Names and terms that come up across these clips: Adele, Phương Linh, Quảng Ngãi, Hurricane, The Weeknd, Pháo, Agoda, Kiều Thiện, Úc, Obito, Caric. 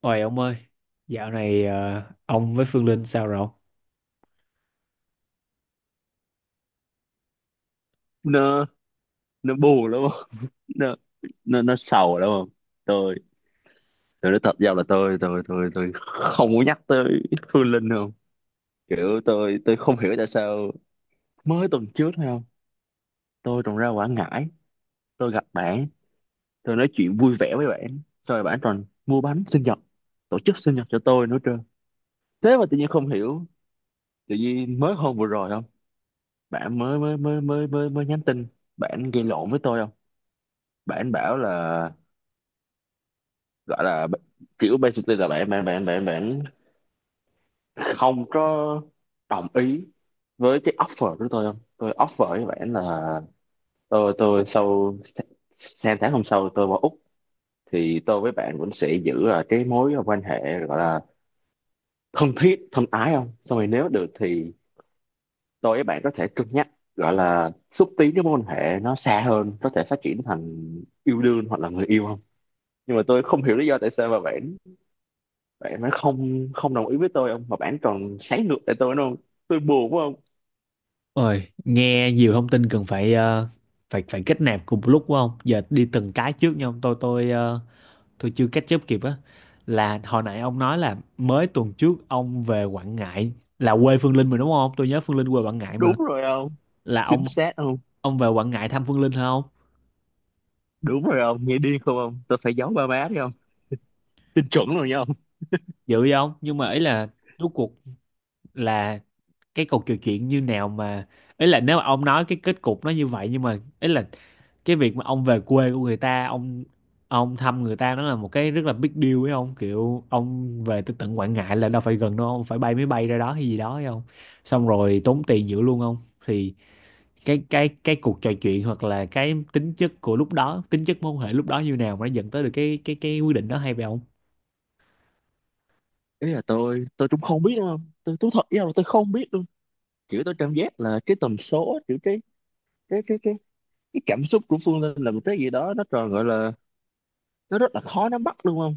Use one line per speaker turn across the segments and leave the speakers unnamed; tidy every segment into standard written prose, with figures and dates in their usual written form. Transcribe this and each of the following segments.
Ôi ông ơi, dạo này ông với Phương Linh sao rồi ông?
nó nó bù lắm không? Nó nó nó sầu lắm không? Tôi tôi nói thật ra là tôi không muốn nhắc tới Phương Linh không. Kiểu tôi không hiểu tại sao, mới tuần trước thôi không, tôi còn ra Quảng Ngãi, tôi gặp bạn, tôi nói chuyện vui vẻ với bạn, rồi bạn còn mua bánh sinh nhật, tổ chức sinh nhật cho tôi nữa trơn. Thế mà tự nhiên không hiểu, tự nhiên mới hôm vừa rồi không, bạn mới mới mới mới mới mới nhắn tin, bạn gây lộn với tôi không. Bạn bảo là, gọi là kiểu basically là bạn bạn bạn bạn bạn không có đồng ý với cái offer của tôi không. Tôi offer với bạn là tôi sau sang tháng hôm sau tôi vào Úc thì tôi với bạn vẫn sẽ giữ cái mối quan hệ gọi là thân thiết thân ái không. Xong rồi nếu được thì tôi với bạn có thể cân nhắc, gọi là xúc tiến cái mối quan hệ nó xa hơn, có thể phát triển thành yêu đương hoặc là người yêu không. Nhưng mà tôi không hiểu lý do tại sao mà bạn bạn nó không không đồng ý với tôi, ông, mà bạn còn sáng ngược lại tôi đúng không? Tôi buồn phải không?
Ôi, nghe nhiều thông tin cần phải phải phải kết nạp cùng một lúc quá không? Giờ đi từng cái trước nha ông. Tôi chưa catch up kịp á. Là hồi nãy ông nói là mới tuần trước ông về Quảng Ngãi là quê Phương Linh mà đúng không? Tôi nhớ Phương Linh quê Quảng Ngãi
Đúng
mà.
rồi ông,
Là
chính xác không.
ông về Quảng Ngãi thăm Phương Linh hả không?
Đúng rồi ông, nghe điên không ông, tôi phải giấu ba má đi không, tin chuẩn rồi nha ông.
Dữ vậy không? Nhưng mà ý là rốt cuộc là cái cục trò chuyện như nào mà, ấy là nếu mà ông nói cái kết cục nó như vậy, nhưng mà ấy là cái việc mà ông về quê của người ta, ông thăm người ta, nó là một cái rất là big deal ấy ông, kiểu ông về tới tận Quảng Ngãi là đâu phải gần đâu, ông phải bay máy bay ra đó hay gì đó ấy không, xong rồi tốn tiền dữ luôn không. Thì cái cuộc trò chuyện hoặc là cái tính chất của lúc đó, tính chất mối quan hệ lúc đó như nào mà nó dẫn tới được cái quyết định đó hay vậy
Ý là tôi cũng không biết đâu ông, tôi thật với ông là tôi không biết luôn. Kiểu tôi cảm giác là cái tần số, kiểu cái cái cái cái cái cảm xúc của Phương Linh là một cái gì đó nó tròn gọi là, nó rất là khó nắm bắt luôn không.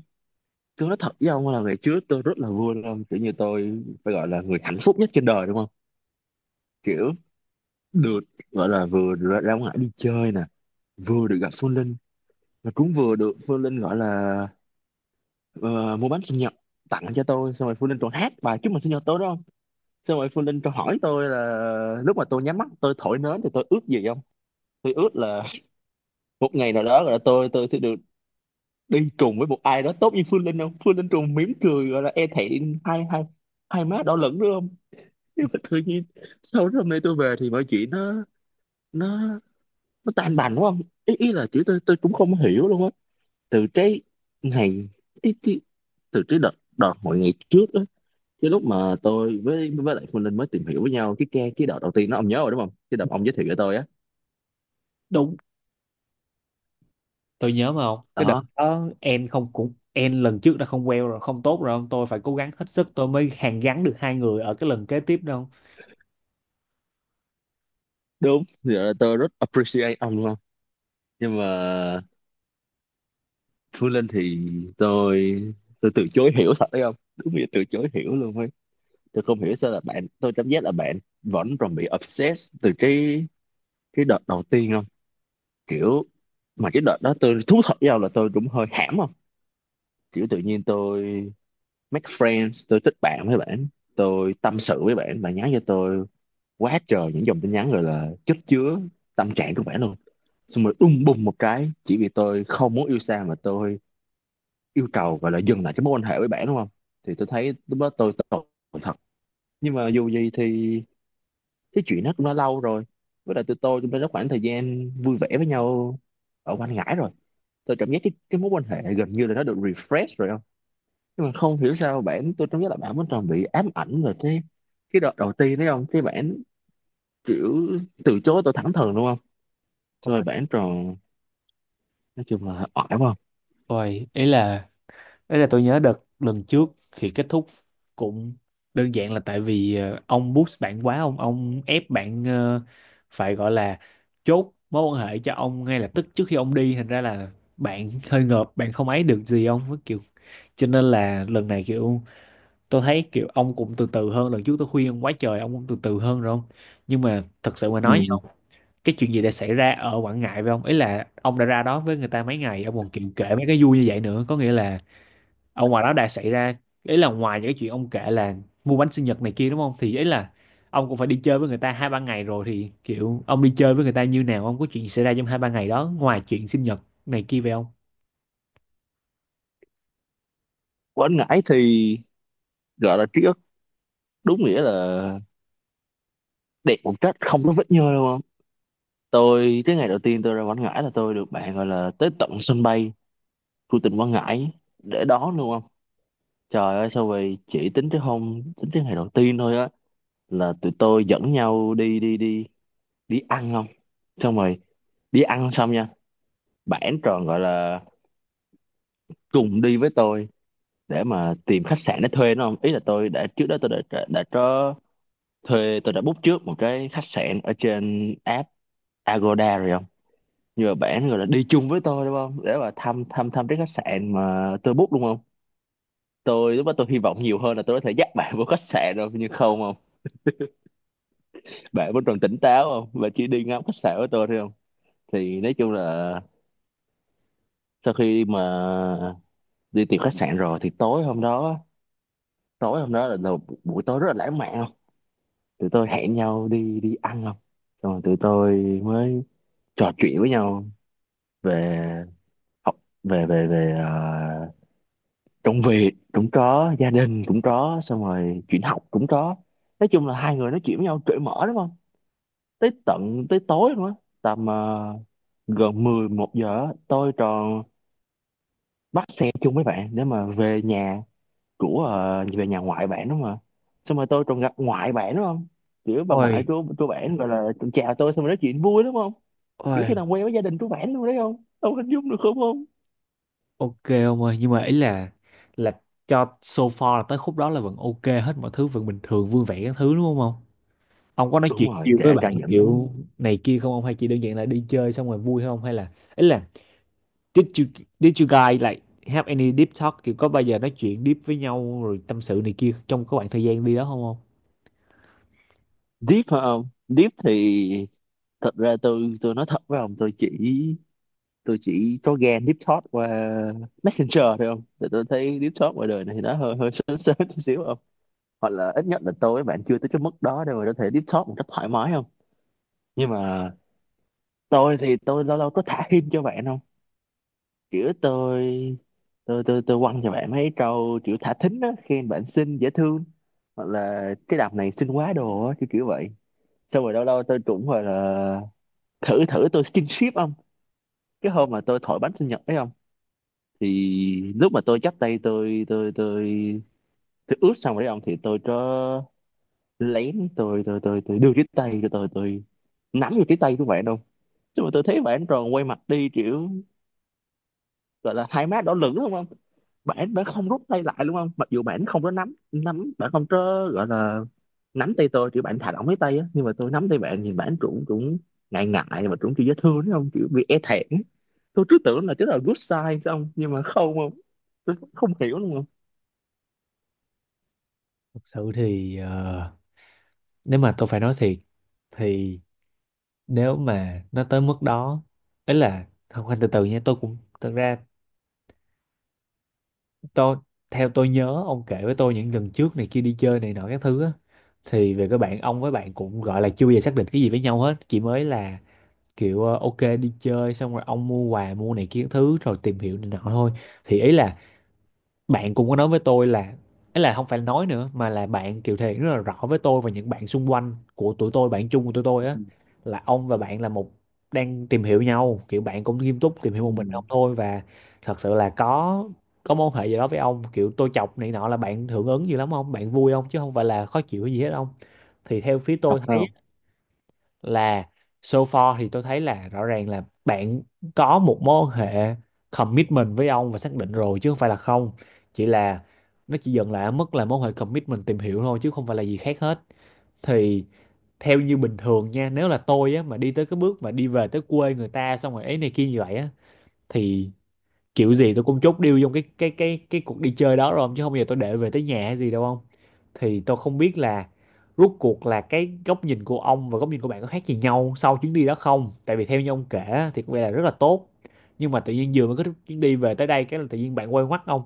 Tôi nói thật với ông là ngày trước tôi rất là vui luôn, kiểu như tôi phải gọi là người hạnh phúc nhất trên đời đúng không. Kiểu được, gọi là vừa ra ngoài đi chơi nè, vừa được gặp Phương Linh, mà cũng vừa được Phương Linh gọi là, ờ, mua bánh sinh nhật tặng cho tôi. Xong rồi Phương Linh còn hát bài chúc mừng sinh nhật tôi đó không. Xong rồi Phương Linh còn hỏi tôi là lúc mà tôi nhắm mắt tôi thổi nến thì tôi ước gì không. Tôi ước là một ngày nào đó gọi là tôi sẽ được đi cùng với một ai đó tốt như Phương Linh không. Phương Linh trùng mỉm cười gọi là e thẹn, hai hai hai má đỏ lửng nữa không. Nhưng mà tự nhiên sau đó hôm nay tôi về thì mọi chuyện nó nó nó tan bành đúng không. Ý là chữ tôi cũng không hiểu luôn á. Từ cái ngày ý, ý, từ cái đợt, đợt mọi ngày trước á, cái lúc mà tôi với với Phương Linh mới tìm hiểu với nhau, cái đợt đầu tiên nó ông nhớ rồi đúng không, cái đợt ông giới thiệu cho tôi á.
không. Tôi nhớ mà không, cái đợt
Đó,
đó em không, cũng em lần trước đã không queo rồi không tốt rồi không, tôi phải cố gắng hết sức tôi mới hàn gắn được hai người ở cái lần kế tiếp đâu.
đúng giờ tôi rất appreciate ông luôn. Nhưng mà Phương Linh thì tôi, từ chối hiểu thật đấy không, đúng nghĩa từ chối hiểu luôn ấy. Tôi không hiểu sao là bạn, tôi cảm giác là bạn vẫn còn bị obsessed từ cái đợt đầu tiên không? Kiểu mà cái đợt đó tôi thú thật với nhau là tôi cũng hơi hãm không. Kiểu tự nhiên tôi make friends, tôi thích bạn với bạn, tôi tâm sự với bạn, bạn nhắn cho tôi quá trời những dòng tin nhắn, rồi là chất chứa tâm trạng của bạn luôn. Xong rồi đùng bùng một cái, chỉ vì tôi không muốn yêu xa mà tôi yêu cầu và là dừng lại cái mối quan hệ với bạn đúng không. Thì tôi thấy lúc đó tôi tội thật. Nhưng mà dù gì thì cái chuyện đó cũng đã lâu rồi, với lại tụi tôi cũng đã có khoảng thời gian vui vẻ với nhau ở quanh ngãi rồi. Tôi cảm giác cái mối quan hệ gần như là nó được refresh rồi không. Nhưng mà không hiểu sao bạn, tôi cảm giác là bạn vẫn còn bị ám ảnh về cái đợt đầu tiên đấy không. Cái bạn kiểu từ chối tôi thẳng thừng đúng không. Rồi
Ôi,
bạn tròn, nói chung là oải quá không.
ôi, ý là tôi nhớ đợt lần trước thì kết thúc cũng đơn giản là tại vì ông push bạn quá ông ép bạn phải gọi là chốt mối quan hệ cho ông ngay lập tức trước khi ông đi, thành ra là bạn hơi ngợp, bạn không ấy được gì ông với kiểu. Cho nên là lần này kiểu tôi thấy kiểu ông cũng từ từ hơn lần trước, tôi khuyên ông quá trời ông cũng từ từ hơn rồi không. Nhưng mà thật sự mà nói với
Ừ.
ông, cái chuyện gì đã xảy ra ở Quảng Ngãi với ông, ý là ông đã ra đó với người ta mấy ngày ông còn kiểu kể mấy cái vui như vậy nữa, có nghĩa là ở ngoài đó đã xảy ra, ý là ngoài những cái chuyện ông kể là mua bánh sinh nhật này kia đúng không, thì ý là ông cũng phải đi chơi với người ta hai ba ngày rồi, thì kiểu ông đi chơi với người ta như nào, ông có chuyện gì xảy ra trong hai ba ngày đó ngoài chuyện sinh nhật này kia về ông.
Quên ngãi thì gọi là ký ức đúng nghĩa là đẹp một cách không có vết nhơ đúng không. Tôi, cái ngày đầu tiên tôi ra Quảng Ngãi là tôi được bạn gọi là tới tận sân bay của tỉnh Quảng Ngãi để đón luôn không. Trời ơi sao vậy, chỉ tính tới hôm, tính tới ngày đầu tiên thôi á, là tụi tôi dẫn nhau đi đi ăn không. Xong rồi đi ăn xong nha, bản tròn gọi là cùng đi với tôi để mà tìm khách sạn để thuê nó không. Ý là tôi đã, trước đó tôi đã có thuê, tôi đã book trước một cái khách sạn ở trên app Agoda rồi không. Nhưng mà bạn gọi là đi chung với tôi đúng không, để mà thăm thăm thăm cái khách sạn mà tôi book đúng không. Tôi lúc đó tôi hy vọng nhiều hơn là tôi có thể dắt bạn vô khách sạn đâu, nhưng không không, bạn vẫn còn tỉnh táo không, và chỉ đi ngắm khách sạn với tôi thôi không. Thì nói chung là sau khi mà đi tìm khách sạn rồi thì tối hôm đó, buổi tối rất là lãng mạn không. Tụi tôi hẹn nhau đi đi ăn không. Xong rồi tụi tôi mới trò chuyện với nhau về học, về về về công việc cũng có, gia đình cũng có, xong rồi chuyện học cũng có. Nói chung là hai người nói chuyện với nhau cởi mở đúng không, tới tận tới tối luôn á. Tầm gần 11 giờ á, tôi tròn bắt xe chung với bạn để mà về nhà của về nhà ngoại bạn đúng không ạ. Xong rồi tôi còn gặp ngoại bạn đúng không, kiểu bà ngoại
Ôi,
của bạn gọi là còn chào tôi, xong rồi nói chuyện vui đúng không. Kiểu
ôi.
tôi làm quen với gia đình của bạn luôn đấy không, ông hình dung được không không.
Ok ông ơi, nhưng mà ý là cho so far là tới khúc đó là vẫn ok hết, mọi thứ vẫn bình thường vui vẻ các thứ đúng không ông? Ông có nói
Đúng
chuyện
rồi,
nhiều với
kể
bạn
cả những…
kiểu này kia không ông, hay chỉ đơn giản là đi chơi xong rồi vui không, hay là ý là did you did you guys like have any deep talk, kiểu có bao giờ nói chuyện deep với nhau rồi tâm sự này kia trong cái khoảng thời gian đi đó không ông?
Deep phải không? Deep thì thật ra tôi nói thật với ông, tôi chỉ có ghen deep talk qua messenger thôi không. Thì tôi thấy deep talk ngoài đời này thì nó hơi hơi sớm sớm chút xíu không. Hoặc là ít nhất là tôi với bạn chưa tới cái mức đó đâu mà có thể deep talk một cách thoải mái không. Nhưng mà tôi thì tôi lâu lâu có thả hint cho bạn không. Kiểu tôi quăng cho bạn mấy câu kiểu thả thính á, khen bạn xinh dễ thương, hoặc là cái đọc này xinh quá đồ á, kiểu kiểu vậy. Xong rồi lâu lâu tôi cũng gọi là thử thử tôi skinship không. Cái hôm mà tôi thổi bánh sinh nhật đấy không, thì lúc mà tôi chắp tay, tôi ướt xong rồi đấy ông, thì tôi có lén, tôi đưa cái tay của tôi, nắm vào cái tay của bạn không. Nhưng mà tôi thấy bạn tròn quay mặt đi, kiểu gọi là hai má đỏ lửng đúng không. Bạn đã không rút tay lại đúng không, mặc dù bạn không có nắm nắm bạn không có gọi là nắm tay tôi, kiểu bạn thả lỏng lấy tay á. Nhưng mà tôi nắm tay bạn thì bạn cũng cũng ngại ngại mà cũng kiểu dễ thương đúng không, kiểu bị e thẹn. Tôi cứ tưởng là chứ là good sign xong, nhưng mà không không, tôi không hiểu đúng không.
Thật sự thì nếu mà tôi phải nói thiệt thì nếu mà nó tới mức đó ấy là không, anh từ từ nha. Tôi cũng thật ra tôi theo tôi nhớ ông kể với tôi những lần trước này kia đi chơi này nọ các thứ á, thì về các bạn ông với bạn cũng gọi là chưa bao giờ xác định cái gì với nhau hết, chỉ mới là kiểu ok đi chơi xong rồi ông mua quà mua này kia các thứ rồi tìm hiểu này nọ thôi. Thì ý là bạn cũng có nói với tôi là, ấy là không phải nói nữa mà là bạn Kiều Thiện rất là rõ với tôi và những bạn xung quanh của tụi tôi, bạn chung của tụi tôi á,
Ừ.
là ông và bạn là một đang tìm hiểu nhau, kiểu bạn cũng nghiêm túc tìm hiểu một
Ừ,
mình ông thôi và thật sự là có mối hệ gì đó với ông, kiểu tôi chọc này nọ là bạn hưởng ứng gì lắm không, bạn vui không, chứ không phải là khó chịu hay gì hết không. Thì theo phía
thật
tôi thấy
không?
là so far thì tôi thấy là rõ ràng là bạn có một mối quan hệ commitment với ông và xác định rồi chứ không phải là không, chỉ là nó chỉ dừng lại ở mức là mối quan hệ commitment tìm hiểu thôi chứ không phải là gì khác hết. Thì theo như bình thường nha, nếu là tôi á mà đi tới cái bước mà đi về tới quê người ta xong rồi ấy này kia như vậy á, thì kiểu gì tôi cũng chốt deal trong cái cuộc đi chơi đó rồi ông, chứ không bao giờ tôi để về tới nhà hay gì đâu ông. Thì tôi không biết là rốt cuộc là cái góc nhìn của ông và góc nhìn của bạn có khác gì nhau sau chuyến đi đó không, tại vì theo như ông kể á, thì có vẻ là rất là tốt, nhưng mà tự nhiên vừa mới có chuyến đi về tới đây cái là tự nhiên bạn quay ngoắt ông.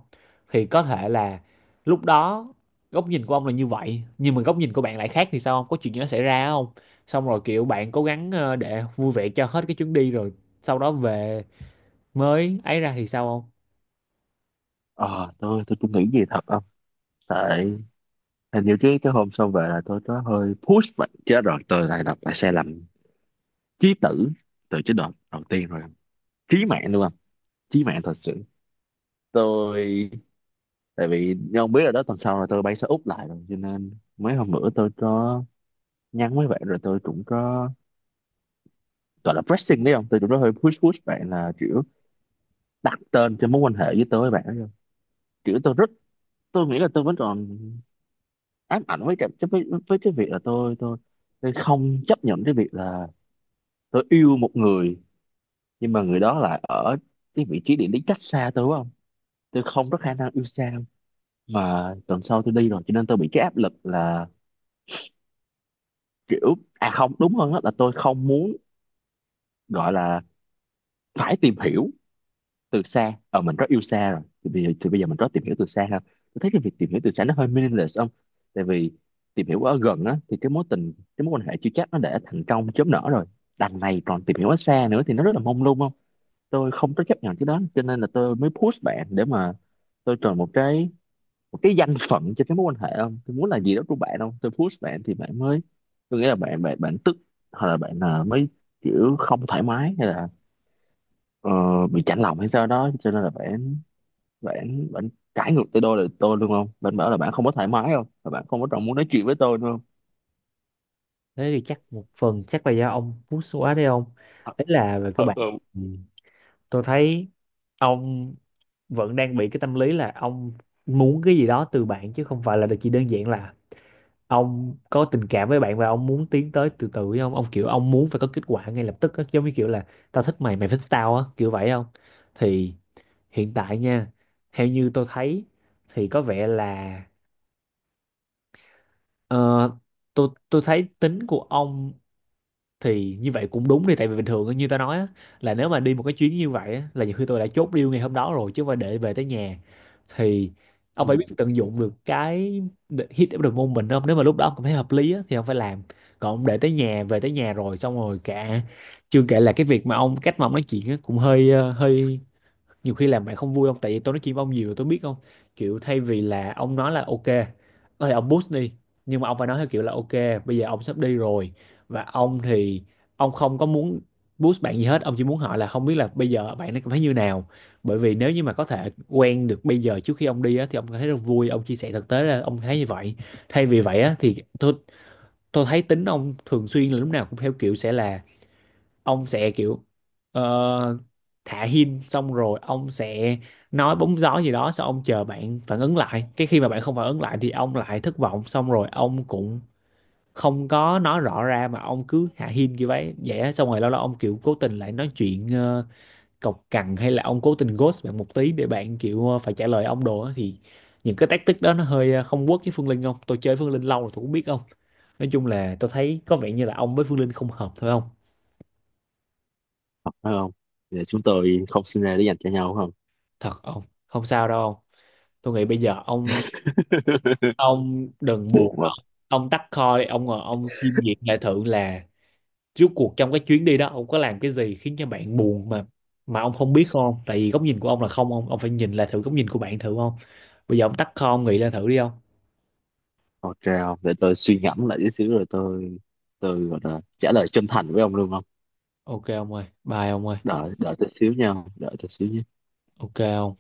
Thì có thể là lúc đó góc nhìn của ông là như vậy nhưng mà góc nhìn của bạn lại khác, thì sao không, có chuyện gì nó xảy ra không, xong rồi kiểu bạn cố gắng để vui vẻ cho hết cái chuyến đi rồi sau đó về mới ấy ra thì sao không.
Ờ tôi cũng nghĩ gì thật không. Tại hình như cái hôm xong về là tôi có hơi push vậy chứ rồi tôi lại đọc lại sai lầm chí tử từ chế độ đầu tiên rồi. Chí mạng luôn, chí mạng thật sự. Tôi, tại vì như ông biết rồi đó, tuần sau là tôi bay sang Úc lại rồi, cho nên mấy hôm bữa tôi có nhắn mấy bạn rồi, tôi cũng có gọi là pressing đấy không, tôi cũng có hơi push push bạn là kiểu đặt tên cho mối quan hệ với tôi với bạn đấy không. Kiểu tôi rất, tôi nghĩ là tôi vẫn còn ám ảnh với cái, với cái việc là tôi tôi không chấp nhận cái việc là tôi yêu một người nhưng mà người đó lại ở cái vị trí địa lý cách xa tôi đúng không. Tôi không có khả năng yêu xa, mà tuần sau tôi đi rồi cho nên tôi bị cái áp lực là kiểu, không, đúng hơn hết là tôi không muốn gọi là phải tìm hiểu từ xa. Ờ mình rất yêu xa rồi thì thì bây giờ mình rất tìm hiểu từ xa ha. Tôi thấy cái việc tìm hiểu từ xa nó hơi meaningless không. Tại vì tìm hiểu ở gần á thì cái mối tình, cái mối quan hệ chưa chắc nó đã thành công chớm nở rồi, đằng này còn tìm hiểu ở xa nữa thì nó rất là mông lung không. Tôi không có chấp nhận cái đó, cho nên là tôi mới push bạn để mà tôi chọn một cái, một cái danh phận cho cái mối quan hệ không. Tôi muốn là gì đó của bạn không. Tôi push bạn thì bạn mới, tôi nghĩ là bạn bạn bạn tức, hoặc là bạn, mới kiểu không thoải mái, hay là ờ, bị chạnh lòng hay sao đó, cho nên là bạn bạn bạn cãi ngược tới đôi lời tôi luôn không. Bạn bảo là bạn không có thoải mái không, và bạn không có trọng muốn nói chuyện với tôi đúng không.
Thế thì chắc một phần chắc là do ông push quá đấy ông,
Thật.
đấy là về các bạn. Ừ, tôi thấy ông vẫn đang bị cái tâm lý là ông muốn cái gì đó từ bạn chứ không phải là chỉ đơn giản là ông có tình cảm với bạn và ông muốn tiến tới từ từ với ông kiểu ông muốn phải có kết quả ngay lập tức á, giống như kiểu là tao thích mày mày phải thích tao á kiểu vậy không. Thì hiện tại nha, theo như tôi thấy thì có vẻ là ờ, tôi thấy tính của ông thì như vậy cũng đúng đi, tại vì bình thường á, như ta nói á, là nếu mà đi một cái chuyến như vậy á, là nhiều khi tôi đã chốt deal ngày hôm đó rồi chứ không phải để về tới nhà. Thì
Ừ,
ông phải biết tận dụng được cái hit of the moment đó. Nếu mà lúc đó ông cảm thấy hợp lý á, thì ông phải làm. Còn ông để tới nhà, về tới nhà rồi xong rồi cả, chưa kể là cái việc mà ông cách mà ông nói chuyện á, cũng hơi nhiều khi làm bạn không vui không, tại vì tôi nói chuyện với ông nhiều rồi tôi biết không. Kiểu thay vì là ông nói là ok có thể ông boost đi, nhưng mà ông phải nói theo kiểu là ok bây giờ ông sắp đi rồi và ông thì ông không có muốn boost bạn gì hết, ông chỉ muốn hỏi là không biết là bây giờ bạn nó cảm thấy như nào, bởi vì nếu như mà có thể quen được bây giờ trước khi ông đi á, thì ông cảm thấy rất vui, ông chia sẻ thực tế là ông thấy như vậy. Thay vì vậy á, thì tôi thấy tính ông thường xuyên là lúc nào cũng theo kiểu sẽ là ông sẽ kiểu ờ, thả hint xong rồi ông sẽ nói bóng gió gì đó, xong ông chờ bạn phản ứng lại, cái khi mà bạn không phản ứng lại thì ông lại thất vọng, xong rồi ông cũng không có nói rõ ra mà ông cứ hạ hint như vậy vậy á. Xong rồi lâu lâu ông kiểu cố tình lại nói chuyện cộc cằn hay là ông cố tình ghost bạn một tí để bạn kiểu phải trả lời ông đồ á. Thì những cái tactic đó nó hơi không work với Phương Linh không, tôi chơi Phương Linh lâu rồi tôi cũng biết không. Nói chung là tôi thấy có vẻ như là ông với Phương Linh không hợp thôi không.
thật phải không? Để chúng tôi không sinh ra để dành cho nhau không.
Thật ông không sao đâu ông, tôi nghĩ bây giờ ông đừng
Buồn
buồn nữa.
quá.
Ông tắt call đi, ông ngồi ông chiêm nghiệm lại thử là rốt cuộc trong cái chuyến đi đó ông có làm cái gì khiến cho bạn buồn mà ông không biết không, tại vì góc nhìn của ông là không, ông ông phải nhìn lại thử góc nhìn của bạn thử không. Bây giờ ông tắt call ông nghĩ lại thử đi ông.
Ok không, để tôi suy ngẫm lại tí xíu rồi tôi gọi là trả lời chân thành với ông luôn không.
Ok ông ơi, bye ông ơi.
Đợi đợi tôi xíu nha, đợi tôi xíu nha.
Ok ông.